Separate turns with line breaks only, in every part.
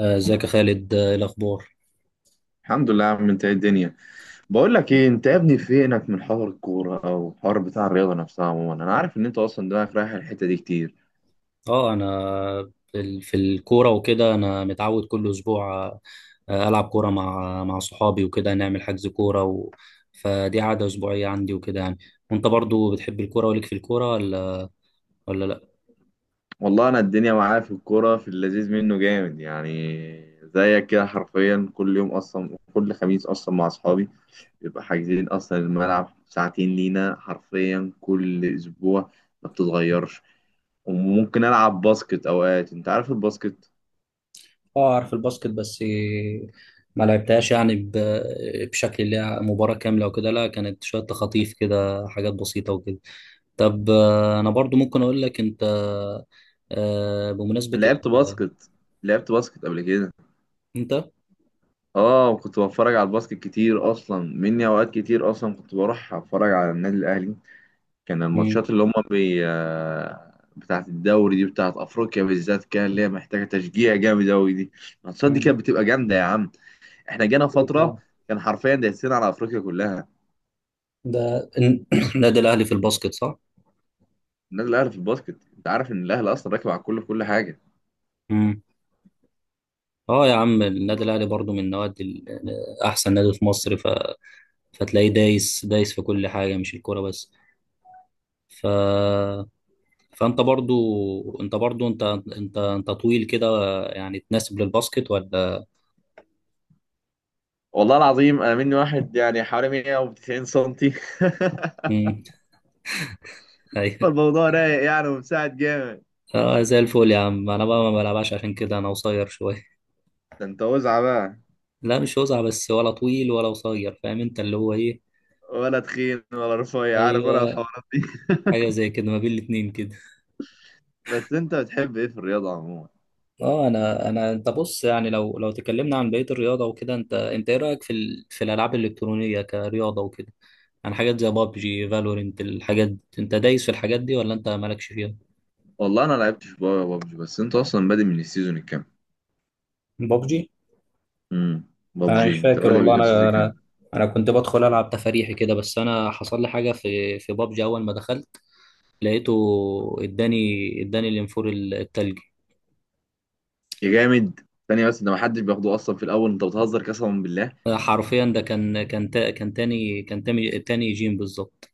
ازيك يا خالد، ايه الاخبار؟
الحمد لله يا عم، انت ايه الدنيا؟ بقول لك ايه، انت يا ابني فينك من حوار الكوره او الحوار بتاع الرياضه نفسها؟ عموما انا عارف ان انت اصلا دماغك رايح الحته دي كتير.
اه انا في الكوره وكده، انا متعود كل اسبوع، العب كوره مع صحابي وكده، نعمل حجز كوره و... فدي عاده اسبوعيه عندي وكده يعني. وانت برضو بتحب الكوره وليك في الكوره، ولا لا؟
والله انا الدنيا معايا في الكوره، في اللذيذ منه جامد يعني. زيك كده حرفيا كل يوم، اصلا كل خميس اصلا مع اصحابي بيبقى حاجزين اصلا الملعب ساعتين لينا حرفيا كل اسبوع، ما بتتغيرش. وممكن العب باسكت اوقات، انت عارف الباسكت.
اه اعرف الباسكت بس ما لعبتهاش يعني بشكل اللي هي مباراه كامله وكده. لا، كانت شويه تخاطيف كده، حاجات بسيطه وكده. طب، انا برضو ممكن اقول لك انت، بمناسبه
لعبت باسكت، لعبت باسكت قبل كده.
انت.
اه، وكنت بتفرج على الباسكت كتير اصلا مني، اوقات كتير اصلا كنت بروح اتفرج على النادي الاهلي. كان
مم.
الماتشات اللي هم بي آه، بتاعت الدوري دي، بتاعت افريقيا بالذات، كان اللي هي محتاجه تشجيع جامد اوي دي. الماتشات دي
مم.
كانت بتبقى جامده يا عم. احنا جانا
أكيد
فتره
طبعا.
كان حرفيا دايسين على افريقيا كلها.
ده النادي الأهلي في الباسكت، صح؟
النادي الاهلي في الباسكت، انت عارف ان الاهلي اصلا راكب على الكل في كل حاجه.
امم. اه يا عم، النادي الاهلي برضو من احسن نادي في مصر. فتلاقيه دايس دايس في كل حاجه، مش الكوره بس. ف... فانت برضو انت برضو انت انت انت طويل كده، يعني تناسب للباسكت، ولا؟
والله العظيم انا مني واحد يعني حوالي 190 سنتي.
مم. ايوه.
فالموضوع رايق يعني، ومساعد جامد.
اه زي الفل يا عم، انا بقى ما بلعبش عشان كده، انا قصير شويه.
ده انت وزعه بقى.
لا، مش وسع بس، ولا طويل ولا قصير، فاهم انت اللي هو ايه.
ولا تخين ولا رفيع، عارف، ولا
ايوه،
الحوارات دي.
حاجه زي كده ما بين الاتنين كده.
بس انت بتحب ايه في الرياضه عموما؟
اه انا انا انت بص، يعني لو تكلمنا عن بقيه الرياضه وكده، انت ايه رايك في الالعاب الالكترونيه كرياضه وكده؟ يعني حاجات زي بابجي فالورنت الحاجات دي. انت دايس في الحاجات دي، ولا انت مالكش فيها؟
والله انا لعبتش بابجي، بس انت اصلا بادئ من السيزون الكام؟
بابجي.
امم
انا مش
بابجي، انت
فاكر
بادئ
والله.
من السيزون
انا
الكام؟
انا كنت بدخل العب تفاريحي كده، بس انا حصل لي حاجه في بابجي اول ما دخلت. لقيته. اداني اداني الانفور التلجي.
يا جامد. ثانيه بس، ده ما حدش بياخده اصلا في الاول، انت بتهزر قسما بالله.
حرفيا ده كان تاني جيم بالظبط.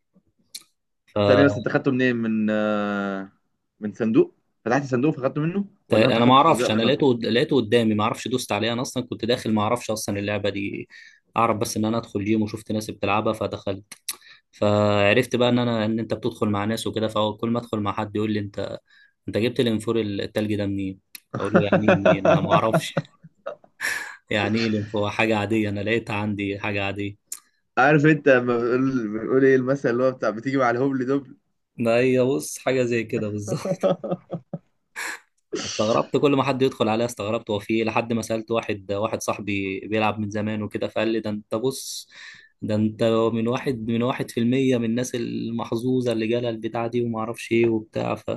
ثانيه بس، انت خدته منين؟ من من صندوق؟ فتحت صندوق فخدته منه
طيب،
ولا
انا
انت
ما
خدته ازاي
اعرفش، انا
اصلا؟
لقيته قدامي، ما اعرفش دوست عليه، انا اصلا كنت داخل ما اعرفش اصلا اللعبه دي. اعرف بس ان انا ادخل جيم وشفت ناس بتلعبها فدخلت. فعرفت بقى ان انت بتدخل مع ناس وكده، فكل ما ادخل مع حد يقول لي: انت، انت جبت الانفور التلج ده منين؟ اقول له يعني إيه منين، انا ما اعرفش. يعني ايه الانفور، حاجه عاديه، انا لقيتها عندي حاجه عاديه.
عارف انت لما بنقول ايه المثل اللي هو بتاع بتيجي مع الهبل دبل؟
ما هي بص حاجه زي كده بالظبط. استغربت، كل ما حد يدخل عليا استغربت هو في ايه، لحد ما سألت واحد صاحبي بيلعب من زمان وكده، فقال لي: ده انت بص، ده انت من واحد في المية من الناس المحظوظة اللي جالها البتاع دي وما اعرفش ايه وبتاع.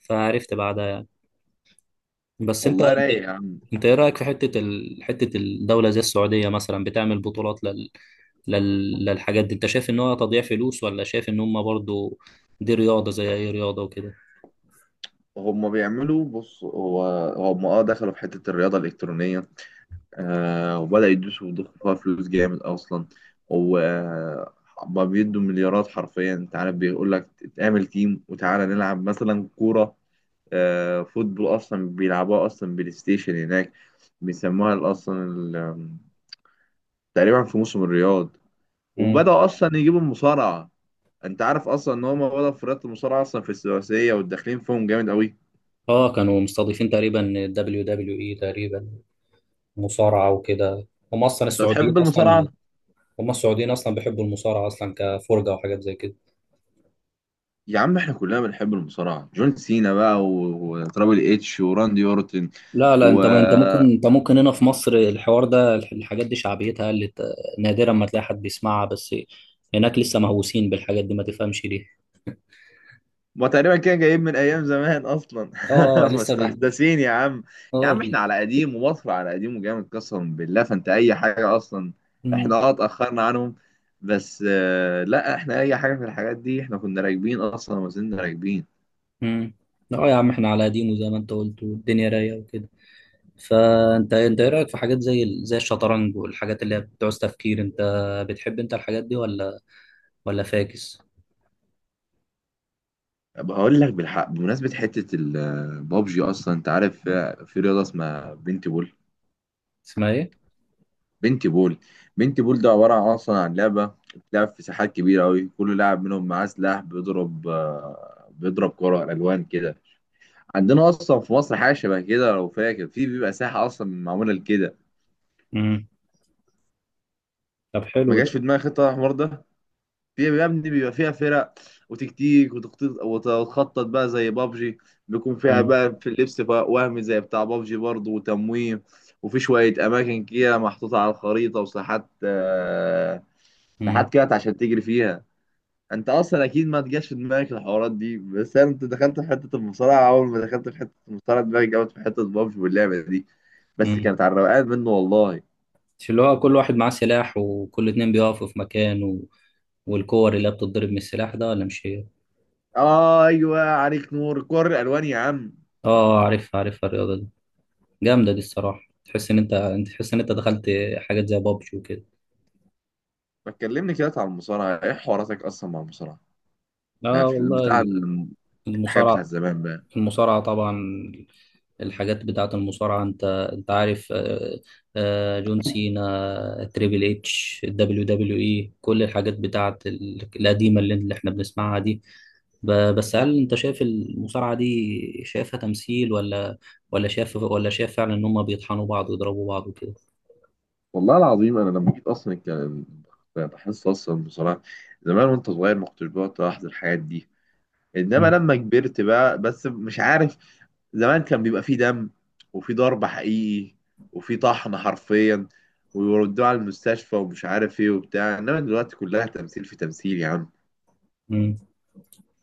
فعرفت بعدها يعني. بس انت،
والله رايق يا عم.
انت ايه رأيك في حتة الدولة زي السعودية مثلا بتعمل بطولات للحاجات دي، انت شايف ان هو تضييع فلوس، ولا شايف ان هم برضو دي رياضة زي اي رياضة وكده؟
هم بيعملوا، بص، هم اه دخلوا في حتة الرياضة الإلكترونية. آه، وبدأوا يدوسوا ويضخوا فيها فلوس جامد أصلا. وما بيدوا مليارات حرفيا، أنت عارف، بيقول لك اتعمل تيم وتعالى نلعب مثلا كورة. آه، فوتبول أصلا بيلعبوها أصلا بلاي ستيشن هناك. بيسموها تقريبا في موسم الرياض.
مم.
وبدأوا أصلا يجيبوا المصارعة. أنت عارف أصلا إن هم بدأوا في رياضة المصارعة أصلا في الثلاثية، وداخلين فيهم جامد أوي أنت.
اه كانوا مستضيفين تقريبا دبليو دبليو اي، تقريبا مصارعة وكده. هم أصلا السعوديين،
بتحب المصارعة؟
أصلا هم السعوديين أصلا بيحبوا المصارعة أصلا كفرجة وحاجات زي كده.
يا عم احنا كلنا بنحب المصارعة، جون سينا بقى و- وترابل اتش وراندي اورتن.
لا، لا،
و
أنت ممكن هنا في مصر الحوار ده الحاجات دي شعبيتها قلت، نادرا ما تلاقي حد بيسمعها، بس هناك لسه مهووسين بالحاجات دي، ما تفهمش ليه.
ما تقريبا كده جايب من ايام زمان اصلا.
لسه بي.
مستحدثين يا عم. يا
اه
عم احنا
بي.
على قديم ومصر على قديم وجامد قسما بالله، فانت اي حاجة اصلا
مم.
احنا اه اتأخرنا عنهم، بس لا، احنا اي حاجة في الحاجات دي احنا كنا راكبين اصلا وما زلنا راكبين.
مم. لا يا عم، احنا على قديمه زي ما انت قلت، والدنيا رايقه وكده. فانت ايه رايك في حاجات زي الشطرنج والحاجات اللي هي بتعوز تفكير، بتحب انت الحاجات دي، ولا فاكس؟
بقول لك بالحق، بمناسبة حتة البابجي اصلا، انت عارف في رياضة اسمها بنتي.
اسمها ايه؟
بنتي بول. بنتي بول ده عبارة عن أصلا عن لعبة بتلعب في ساحات كبيرة أوي، كل لاعب منهم معاه سلاح بيضرب، بيضرب كرة ألوان كده. عندنا أصلا في مصر حاجة شبه كده لو فاكر، في بيبقى ساحة أصلا معمولة لكده.
مم. طب،
ما
حلو ده.
جاش في دماغي خطة الحوار ده. في يا ابني بيبقى فيها فرق وتكتيك وتخطيط، وتخطط بقى زي بابجي. بيكون فيها
مم.
بقى في اللبس بقى وهمي زي بتاع بابجي برضه، وتمويه، وفي شوية أماكن كده محطوطة على الخريطة وساحات آه،
مم.
ساحات كده عشان تجري فيها. انت اصلا اكيد ما تجاش في دماغك الحوارات دي، بس انا انت دخلت في حته المصارعه، اول ما دخلت في حته المصارعه دماغي جابت في حته بابجي واللعبه دي، بس
مم.
كانت على الروقان منه والله.
مش اللي هو كل واحد معاه سلاح، وكل اتنين بيقفوا في مكان و... والكور اللي هي بتتضرب من السلاح ده، ولا مش هي؟
آه ايوه، عليك نور، كور الالوان يا عم.
اه عارفها عارفها الرياضة دي. جامدة دي الصراحة، تحس ان انت انت تحس ان انت دخلت حاجات زي بابجي وكده.
ما تكلمني كده على المصارعه، ايه حواراتك اصلا مع المصارعه؟ لا،
اه
في
والله.
الحاجات بتاع
المصارعة.
زمان بقى.
المصارعة طبعا. الحاجات بتاعة المصارعة. انت عارف، جون سينا، تريبل اتش، دبليو دبليو اي، كل الحاجات القديمة اللي احنا بنسمعها دي. بس هل انت شايف المصارعة دي، شايفها تمثيل، ولا شايف فعلا ان هم بيطحنوا بعض ويضربوا بعض وكده؟
والله العظيم انا لما جيت اصلا كان بحس اصلا المصارعه، زمان وانت صغير ما كنتش بقعد الاحظ الحاجات دي، انما
مم.
لما كبرت بقى، بس مش عارف، زمان كان بيبقى فيه دم، وفيه ضرب حقيقي، وفيه طحن حرفيا، ويودوه على المستشفى ومش عارف ايه وبتاع، انما دلوقتي كلها تمثيل في تمثيل يا عم.
مم.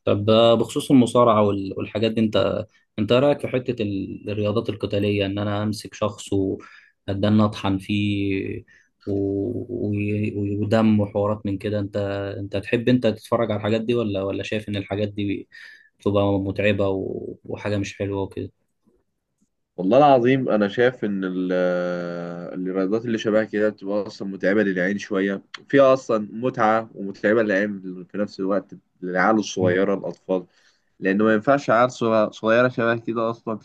طب، بخصوص المصارعة والحاجات دي، انت رأيك في حتة الرياضات القتالية، ان انا امسك شخص واتدنى اطحن فيه، و- ودم وحوارات من كده، انت تحب تتفرج على الحاجات دي، ولا شايف ان الحاجات دي بتبقى متعبة، وحاجة مش حلوة وكده؟
والله العظيم انا شايف ان الرياضات اللي شبه كده بتبقى اصلا متعبه للعين شويه، فيها اصلا متعه ومتعبه للعين في نفس الوقت. للعيال الصغيره الاطفال، لان ما ينفعش عيال صغيره شبه كده اصلا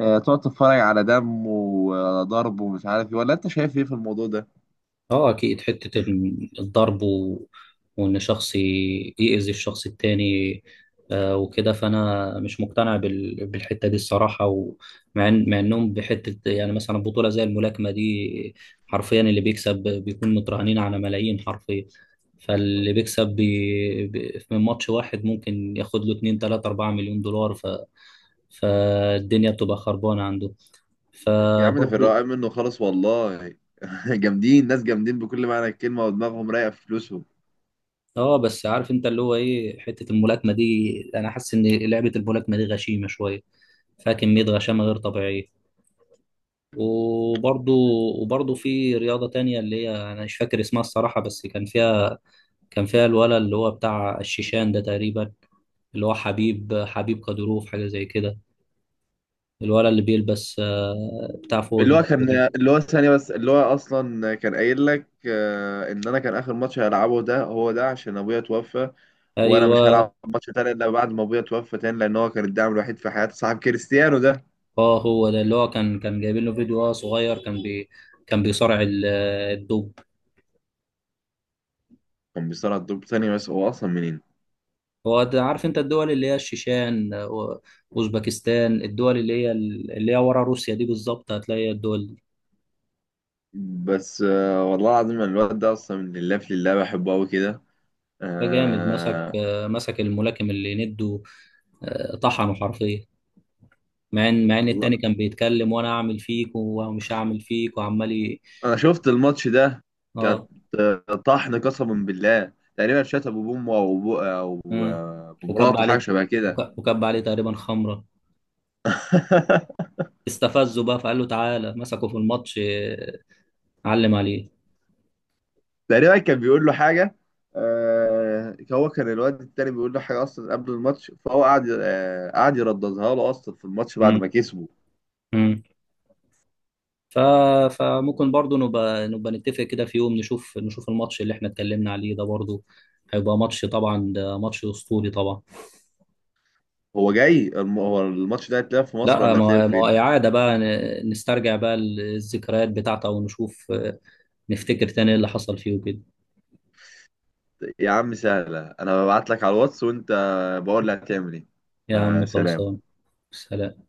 تقعد تتفرج على دم وضرب ومش عارف ايه. ولا انت شايف ايه في الموضوع ده؟
اه اكيد، الضرب وان شخص يأذي الشخص التاني، وكده. فانا مش مقتنع بالحتة دي الصراحة، ومع مع انهم بحتة يعني، مثلا بطولة زي الملاكمة دي، حرفيا اللي بيكسب بيكون مترهنين على ملايين حرفيا. فاللي بيكسب من ماتش واحد ممكن ياخد له 2 3 4 مليون دولار. فالدنيا بتبقى خربانة عنده،
يا عم ده في
فبرضه.
الرقم منه خالص والله. جامدين، ناس جامدين بكل معنى الكلمه ودماغهم رايقه في فلوسهم.
اه بس عارف انت اللي هو ايه حته الملاكمه دي، انا حاسس ان لعبه الملاكمه دي غشيمه شويه، فيها كميه غشامه غير طبيعيه. وبرضو، في رياضه تانية اللي هي انا مش فاكر اسمها الصراحه، بس كان فيها، كان فيها الولد اللي هو بتاع الشيشان ده تقريبا، اللي هو حبيب قديروف حاجه زي كده. الولد اللي بيلبس، بتاع فوق
اللي
دي.
هو كان
دي.
اللي هو ثانية بس، اللي هو أصلا كان قايل لك إن أنا كان آخر ماتش هلعبه ده هو ده، عشان أبويا توفى، وأنا مش
ايوه.
هلعب ماتش تاني إلا بعد ما أبويا توفى تاني، لأن هو كان الداعم الوحيد في حياتي، صاحب كريستيانو ده.
اه هو ده اللي هو كان جايبين له فيديو وهو صغير، كان بي، كان بيصارع الدب.
كان بيصارع الدور، ثانية بس، هو أصلا منين؟
عارف انت الدول اللي هي الشيشان، واوزبكستان، الدول اللي هي ورا روسيا دي، بالظبط هتلاقي الدول دي.
بس والله العظيم يعني الواد ده أصلا من لله في لله، بحبه أوي كده.
ده جامد،
آه،
مسك الملاكم اللي نده، طحنه حرفيا، مع ان
والله
التاني كان بيتكلم: وانا اعمل فيك ومش هعمل فيك، وعمال
أنا شفت الماتش ده، كانت
اه،
آه، طحن قسما بالله. تقريبا شات أبو بومه أو أبو أو
آه.
أو
وكب
مراته، حاجة
عليه،
شبه كده.
وكب عليه تقريبا خمره، استفزه بقى، فقال له: تعالى. مسكه في الماتش، علم عليه.
تقريبا كان بيقول له حاجه، آه، هو كان الواد التاني بيقول له حاجه اصلا قبل الماتش، فهو قعد آه قعد يرددها له اصلا في الماتش بعد
مم.
ما كسبه.
مم. ف... فممكن برضو نبقى نتفق كده في يوم، نشوف الماتش اللي احنا اتكلمنا عليه ده برضو، هيبقى ماتش طبعا، ده ماتش اسطوري طبعا.
هو الماتش ده هيتلعب في مصر
لا،
ولا هيتلعب
ما هو
فين؟
اعاده بقى، نسترجع بقى الذكريات بتاعته ونشوف، نفتكر تاني إيه اللي حصل فيه وكده.
يا عم سهله، انا ببعت لك على الواتس وانت بقول لي هتعمل ايه.
يا عم
فسلام.
خلصان. سلام.